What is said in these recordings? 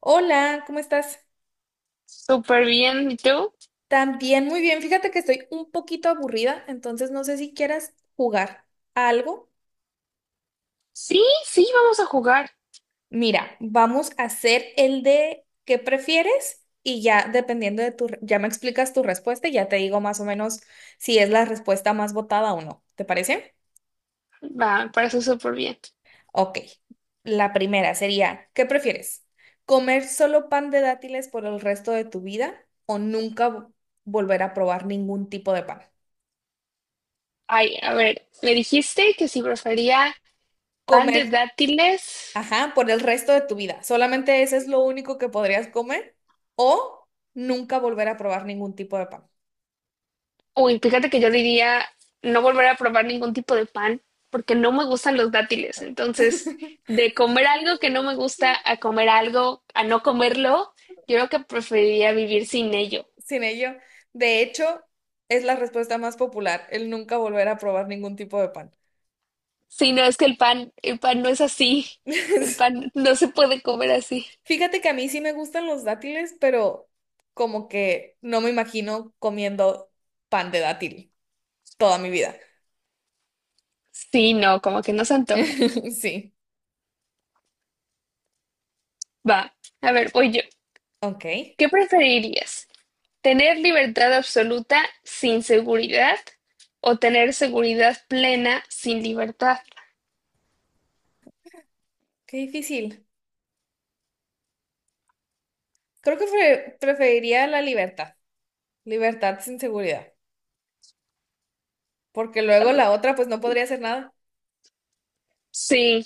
Hola, ¿cómo estás? Súper bien, ¿y tú? También muy bien. Fíjate que estoy un poquito aburrida, entonces no sé si quieras jugar a algo. Sí, sí, vamos a jugar. Mira, vamos a hacer el de qué prefieres y ya dependiendo de ya me explicas tu respuesta y ya te digo más o menos si es la respuesta más votada o no. ¿Te parece? Va, para eso súper bien. Ok. La primera sería, ¿qué prefieres? ¿Comer solo pan de dátiles por el resto de tu vida o nunca volver a probar ningún tipo de pan? Ay, a ver, me dijiste que si prefería pan de ¿Comer? dátiles. Ajá, por el resto de tu vida. Solamente ese es lo único que podrías comer o nunca volver a probar ningún tipo de pan. Uy, fíjate que yo diría no volver a probar ningún tipo de pan porque no me gustan los dátiles. Entonces, de comer algo que no me gusta a comer algo, a no comerlo, yo creo que preferiría vivir sin ello. Sin ello, de hecho, es la respuesta más popular, el nunca volver a probar ningún tipo de pan. Si no, es que el pan no es así. El pan no se puede comer así. Fíjate que a mí sí me gustan los dátiles, pero como que no me imagino comiendo pan de dátil toda mi vida. Sí, no, como que no se antoja. Sí, Va, a ver, voy yo. ok. ¿Qué preferirías? ¿Tener libertad absoluta sin seguridad o tener seguridad plena sin libertad? Qué difícil. Creo que preferiría la libertad. Libertad sin seguridad. Porque A luego ver. la otra, pues no podría hacer nada. Sí,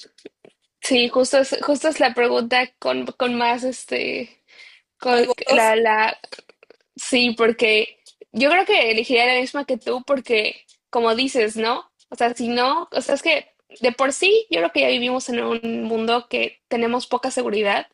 sí, justo es la pregunta con más Más con votos. Sí, porque yo creo que elegiría la misma que tú porque, como dices, ¿no? O sea, si no, o sea, es que de por sí yo creo que ya vivimos en un mundo que tenemos poca seguridad.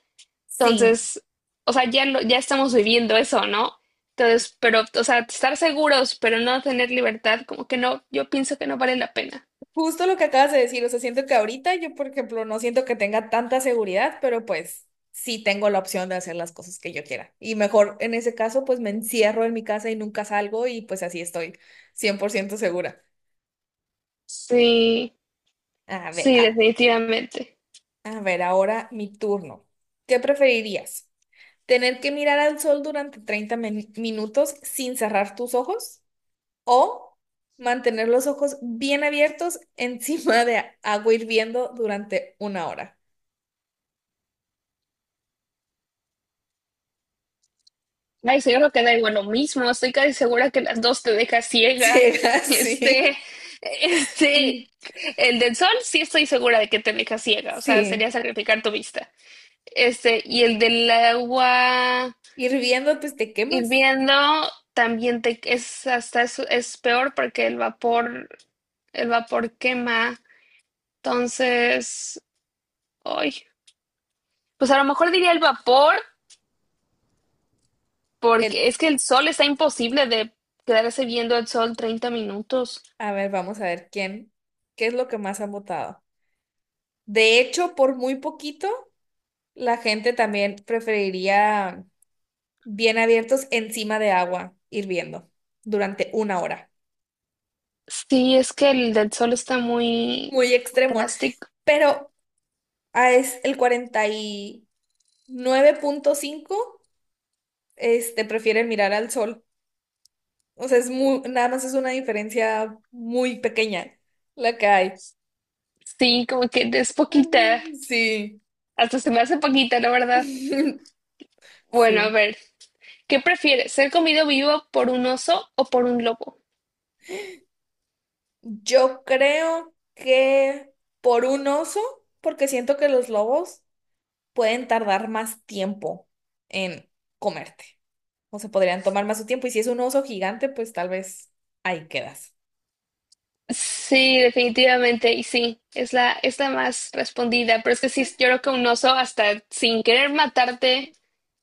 Sí. Entonces, o sea, ya estamos viviendo eso, ¿no? Entonces, pero, o sea, estar seguros, pero no tener libertad, como que no, yo pienso que no vale la pena. Justo lo que acabas de decir. O sea, siento que ahorita yo, por ejemplo, no siento que tenga tanta seguridad, pero pues sí tengo la opción de hacer las cosas que yo quiera. Y mejor en ese caso, pues me encierro en mi casa y nunca salgo y pues así estoy 100% segura. Sí, A ver, sí, a, definitivamente. a ver, ahora mi turno. ¿Qué preferirías? ¿Tener que mirar al sol durante 30 minutos sin cerrar tus ojos? O mantener los ojos bien abiertos encima de agua hirviendo durante 1 hora. Ay, sí, yo creo que da igual lo mismo, estoy casi segura que las dos te deja ciega. Ciega, Este, sí. este, el del sol sí estoy segura de que te deja ciega, o sea, sería Sí. sacrificar tu vista. Este, y el del agua, Hirviendo, pues te quemas. hirviendo también te, es hasta es peor porque el vapor quema. Entonces, ay, pues a lo mejor diría el vapor, El, porque es que el sol está imposible de quedarse viendo el sol 30 minutos. a ver, vamos a ver quién, qué es lo que más han votado. De hecho, por muy poquito, la gente también preferiría bien abiertos encima de agua hirviendo durante una hora. Sí, es que el del sol está muy, Muy muy extremo. drástico. Pero ah, es el 49,5 este, prefieren mirar al sol. O sea, es muy, nada más es una diferencia muy pequeña la que hay. Sí, como que es poquita. Mm, sí, Hasta se me hace poquita, la verdad. Bueno, a sí. ver, ¿qué prefieres? ¿Ser comido vivo por un oso o por un lobo? Yo creo que por un oso, porque siento que los lobos pueden tardar más tiempo en comerte. O se podrían tomar más su tiempo. Y si es un oso gigante, pues tal vez ahí quedas. Sí, definitivamente, y sí, es la más respondida, pero es que sí, yo creo que un oso hasta sin querer matarte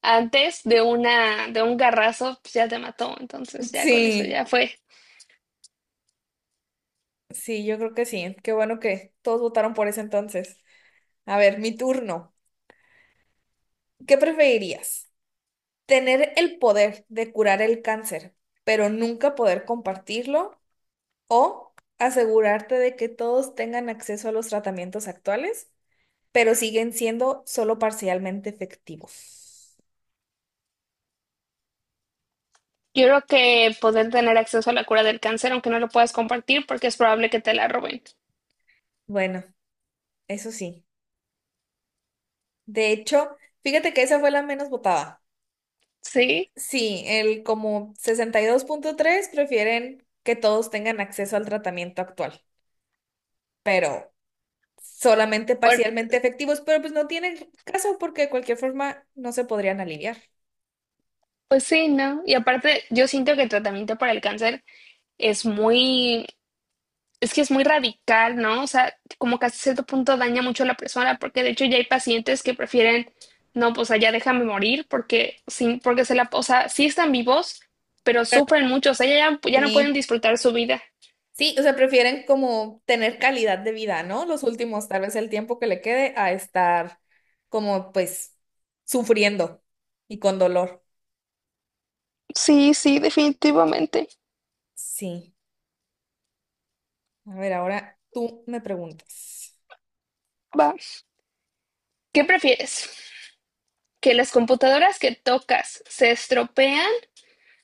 antes de de un garrazo, pues ya te mató, entonces ya con eso Sí, ya fue. sí, yo creo que sí. Qué bueno que todos votaron por eso entonces. A ver, mi turno. ¿Qué preferirías? ¿Tener el poder de curar el cáncer, pero nunca poder compartirlo? ¿O asegurarte de que todos tengan acceso a los tratamientos actuales, pero siguen siendo solo parcialmente efectivos? Yo creo que poder tener acceso a la cura del cáncer, aunque no lo puedas compartir, porque es probable que te la roben. Bueno, eso sí. De hecho, fíjate que esa fue la menos votada. Sí, Sí, el como 62,3 prefieren que todos tengan acceso al tratamiento actual, pero solamente bueno, parcialmente efectivos, pero pues no tiene caso porque de cualquier forma no se podrían alinear. pues sí, ¿no? Y aparte, yo siento que el tratamiento para el cáncer es muy, es que es muy radical, ¿no? O sea, como que hasta cierto punto daña mucho a la persona, porque de hecho ya hay pacientes que prefieren, no, pues allá déjame morir, porque sin, porque se la, o sea, sí están vivos, pero Pero sufren mucho, o sea, ya no pueden sí, disfrutar su vida. sí, o sea, prefieren como tener calidad de vida, ¿no? Los últimos, tal vez el tiempo que le quede a estar como pues sufriendo y con dolor. Sí, sí, definitivamente. Sí, a ver, ahora tú me preguntas. Va. ¿Qué prefieres? ¿Que las computadoras que tocas se estropean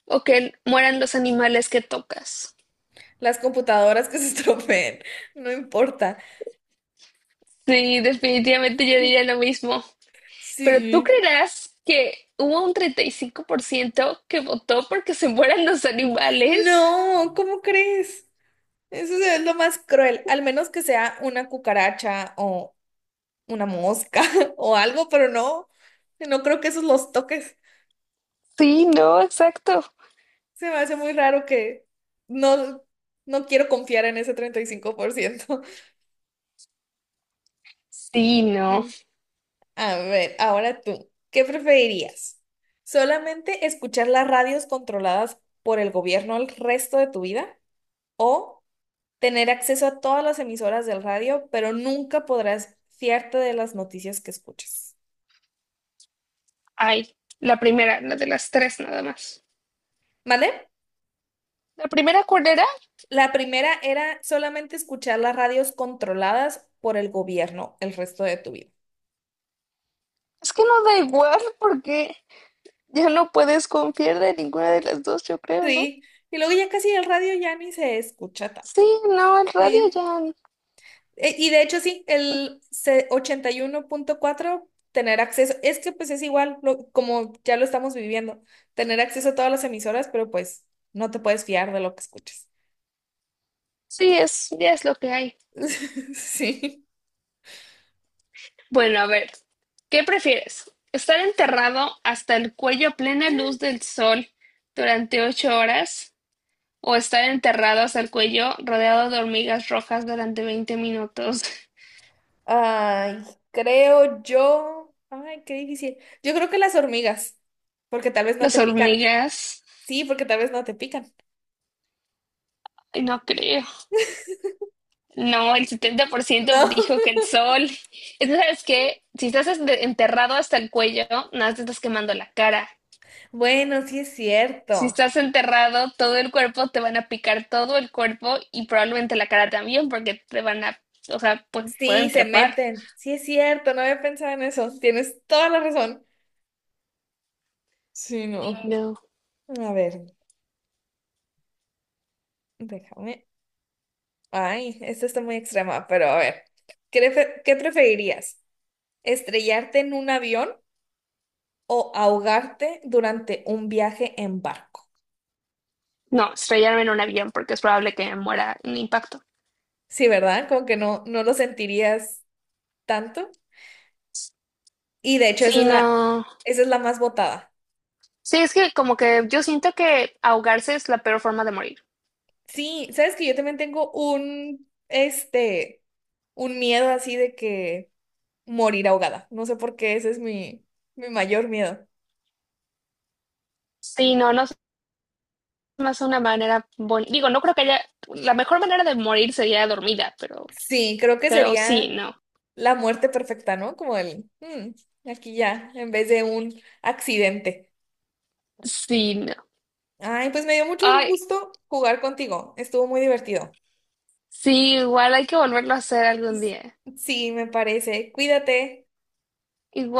o que mueran los animales que tocas? Las computadoras que se estropeen, no importa. Sí, definitivamente yo diría lo mismo. Pero tú Sí. creerás que hubo un 35 por ciento que votó porque se mueran los animales. No, ¿cómo crees? Eso es lo más cruel, al menos que sea una cucaracha o una mosca o algo, pero no, no creo que esos los toques. Sí, no, exacto. Se me hace muy raro que no, no quiero confiar en ese 35%. Sí, no. Mm. A ver, ahora tú, ¿qué preferirías? ¿Solamente escuchar las radios controladas por el gobierno el resto de tu vida? ¿O tener acceso a todas las emisoras del radio, pero nunca podrás fiarte de las noticias que escuches? Ay, la primera, la de las tres nada más. ¿Vale? La primera, ¿cuál era? La primera era solamente escuchar las radios controladas por el gobierno el resto de tu vida. Es que no da igual porque ya no puedes confiar de ninguna de las dos, yo creo, ¿no? Sí, y luego ya casi el radio ya ni se escucha tanto. Sí, no, el radio Sí. ya. Y de hecho sí, el 81,4 tener acceso, es que pues es igual como ya lo estamos viviendo, tener acceso a todas las emisoras, pero pues no te puedes fiar de lo que escuches. Sí, es, ya es lo que hay. Sí. Bueno, a ver, ¿qué prefieres? ¿Estar enterrado hasta el cuello a plena luz del sol durante 8 horas o estar enterrado hasta el cuello rodeado de hormigas rojas durante 20 minutos? Ay, creo yo. Ay, qué difícil. Yo creo que las hormigas, porque tal vez no Las te pican. hormigas, Sí, porque tal vez no te pican. ay, no creo. No, el 70 por ciento No. dijo que el sol. Es que, ¿sabes qué? Si estás enterrado hasta el cuello, nada más te estás quemando la cara. Bueno, sí es Si cierto. estás enterrado, todo el cuerpo te van a picar todo el cuerpo y probablemente la cara también, porque te van a, o sea, Sí, pueden se trepar. meten. Sí es cierto, no había pensado en eso. Tienes toda la razón. Sí, no. No. A ver, déjame. Ay, esta está muy extrema, pero a ver. ¿Qué preferirías? ¿Estrellarte en un avión o ahogarte durante un viaje en barco? No, estrellarme en un avión porque es probable que me muera en impacto. Sí, ¿verdad? Como que no, no lo sentirías tanto. Y de hecho, esa Sí, es la, no. esa es la más votada. Sí, es que como que yo siento que ahogarse es la peor forma de morir. Sí, sabes que yo también tengo un, este, un miedo así de que morir ahogada. No sé por qué, ese es mi mayor miedo. Sí, no, no es más una manera bonita. Digo, no creo que haya. La mejor manera de morir sería dormida, Sí, creo que pero sí, sería no. la muerte perfecta, ¿no? Como el, "Mm, aquí ya, en vez de un accidente. Sí, no. Ay, pues me dio mucho Ay, gusto jugar contigo. Estuvo muy divertido. sí, igual hay que volverlo a hacer algún día. Sí, me parece. Cuídate. Igual.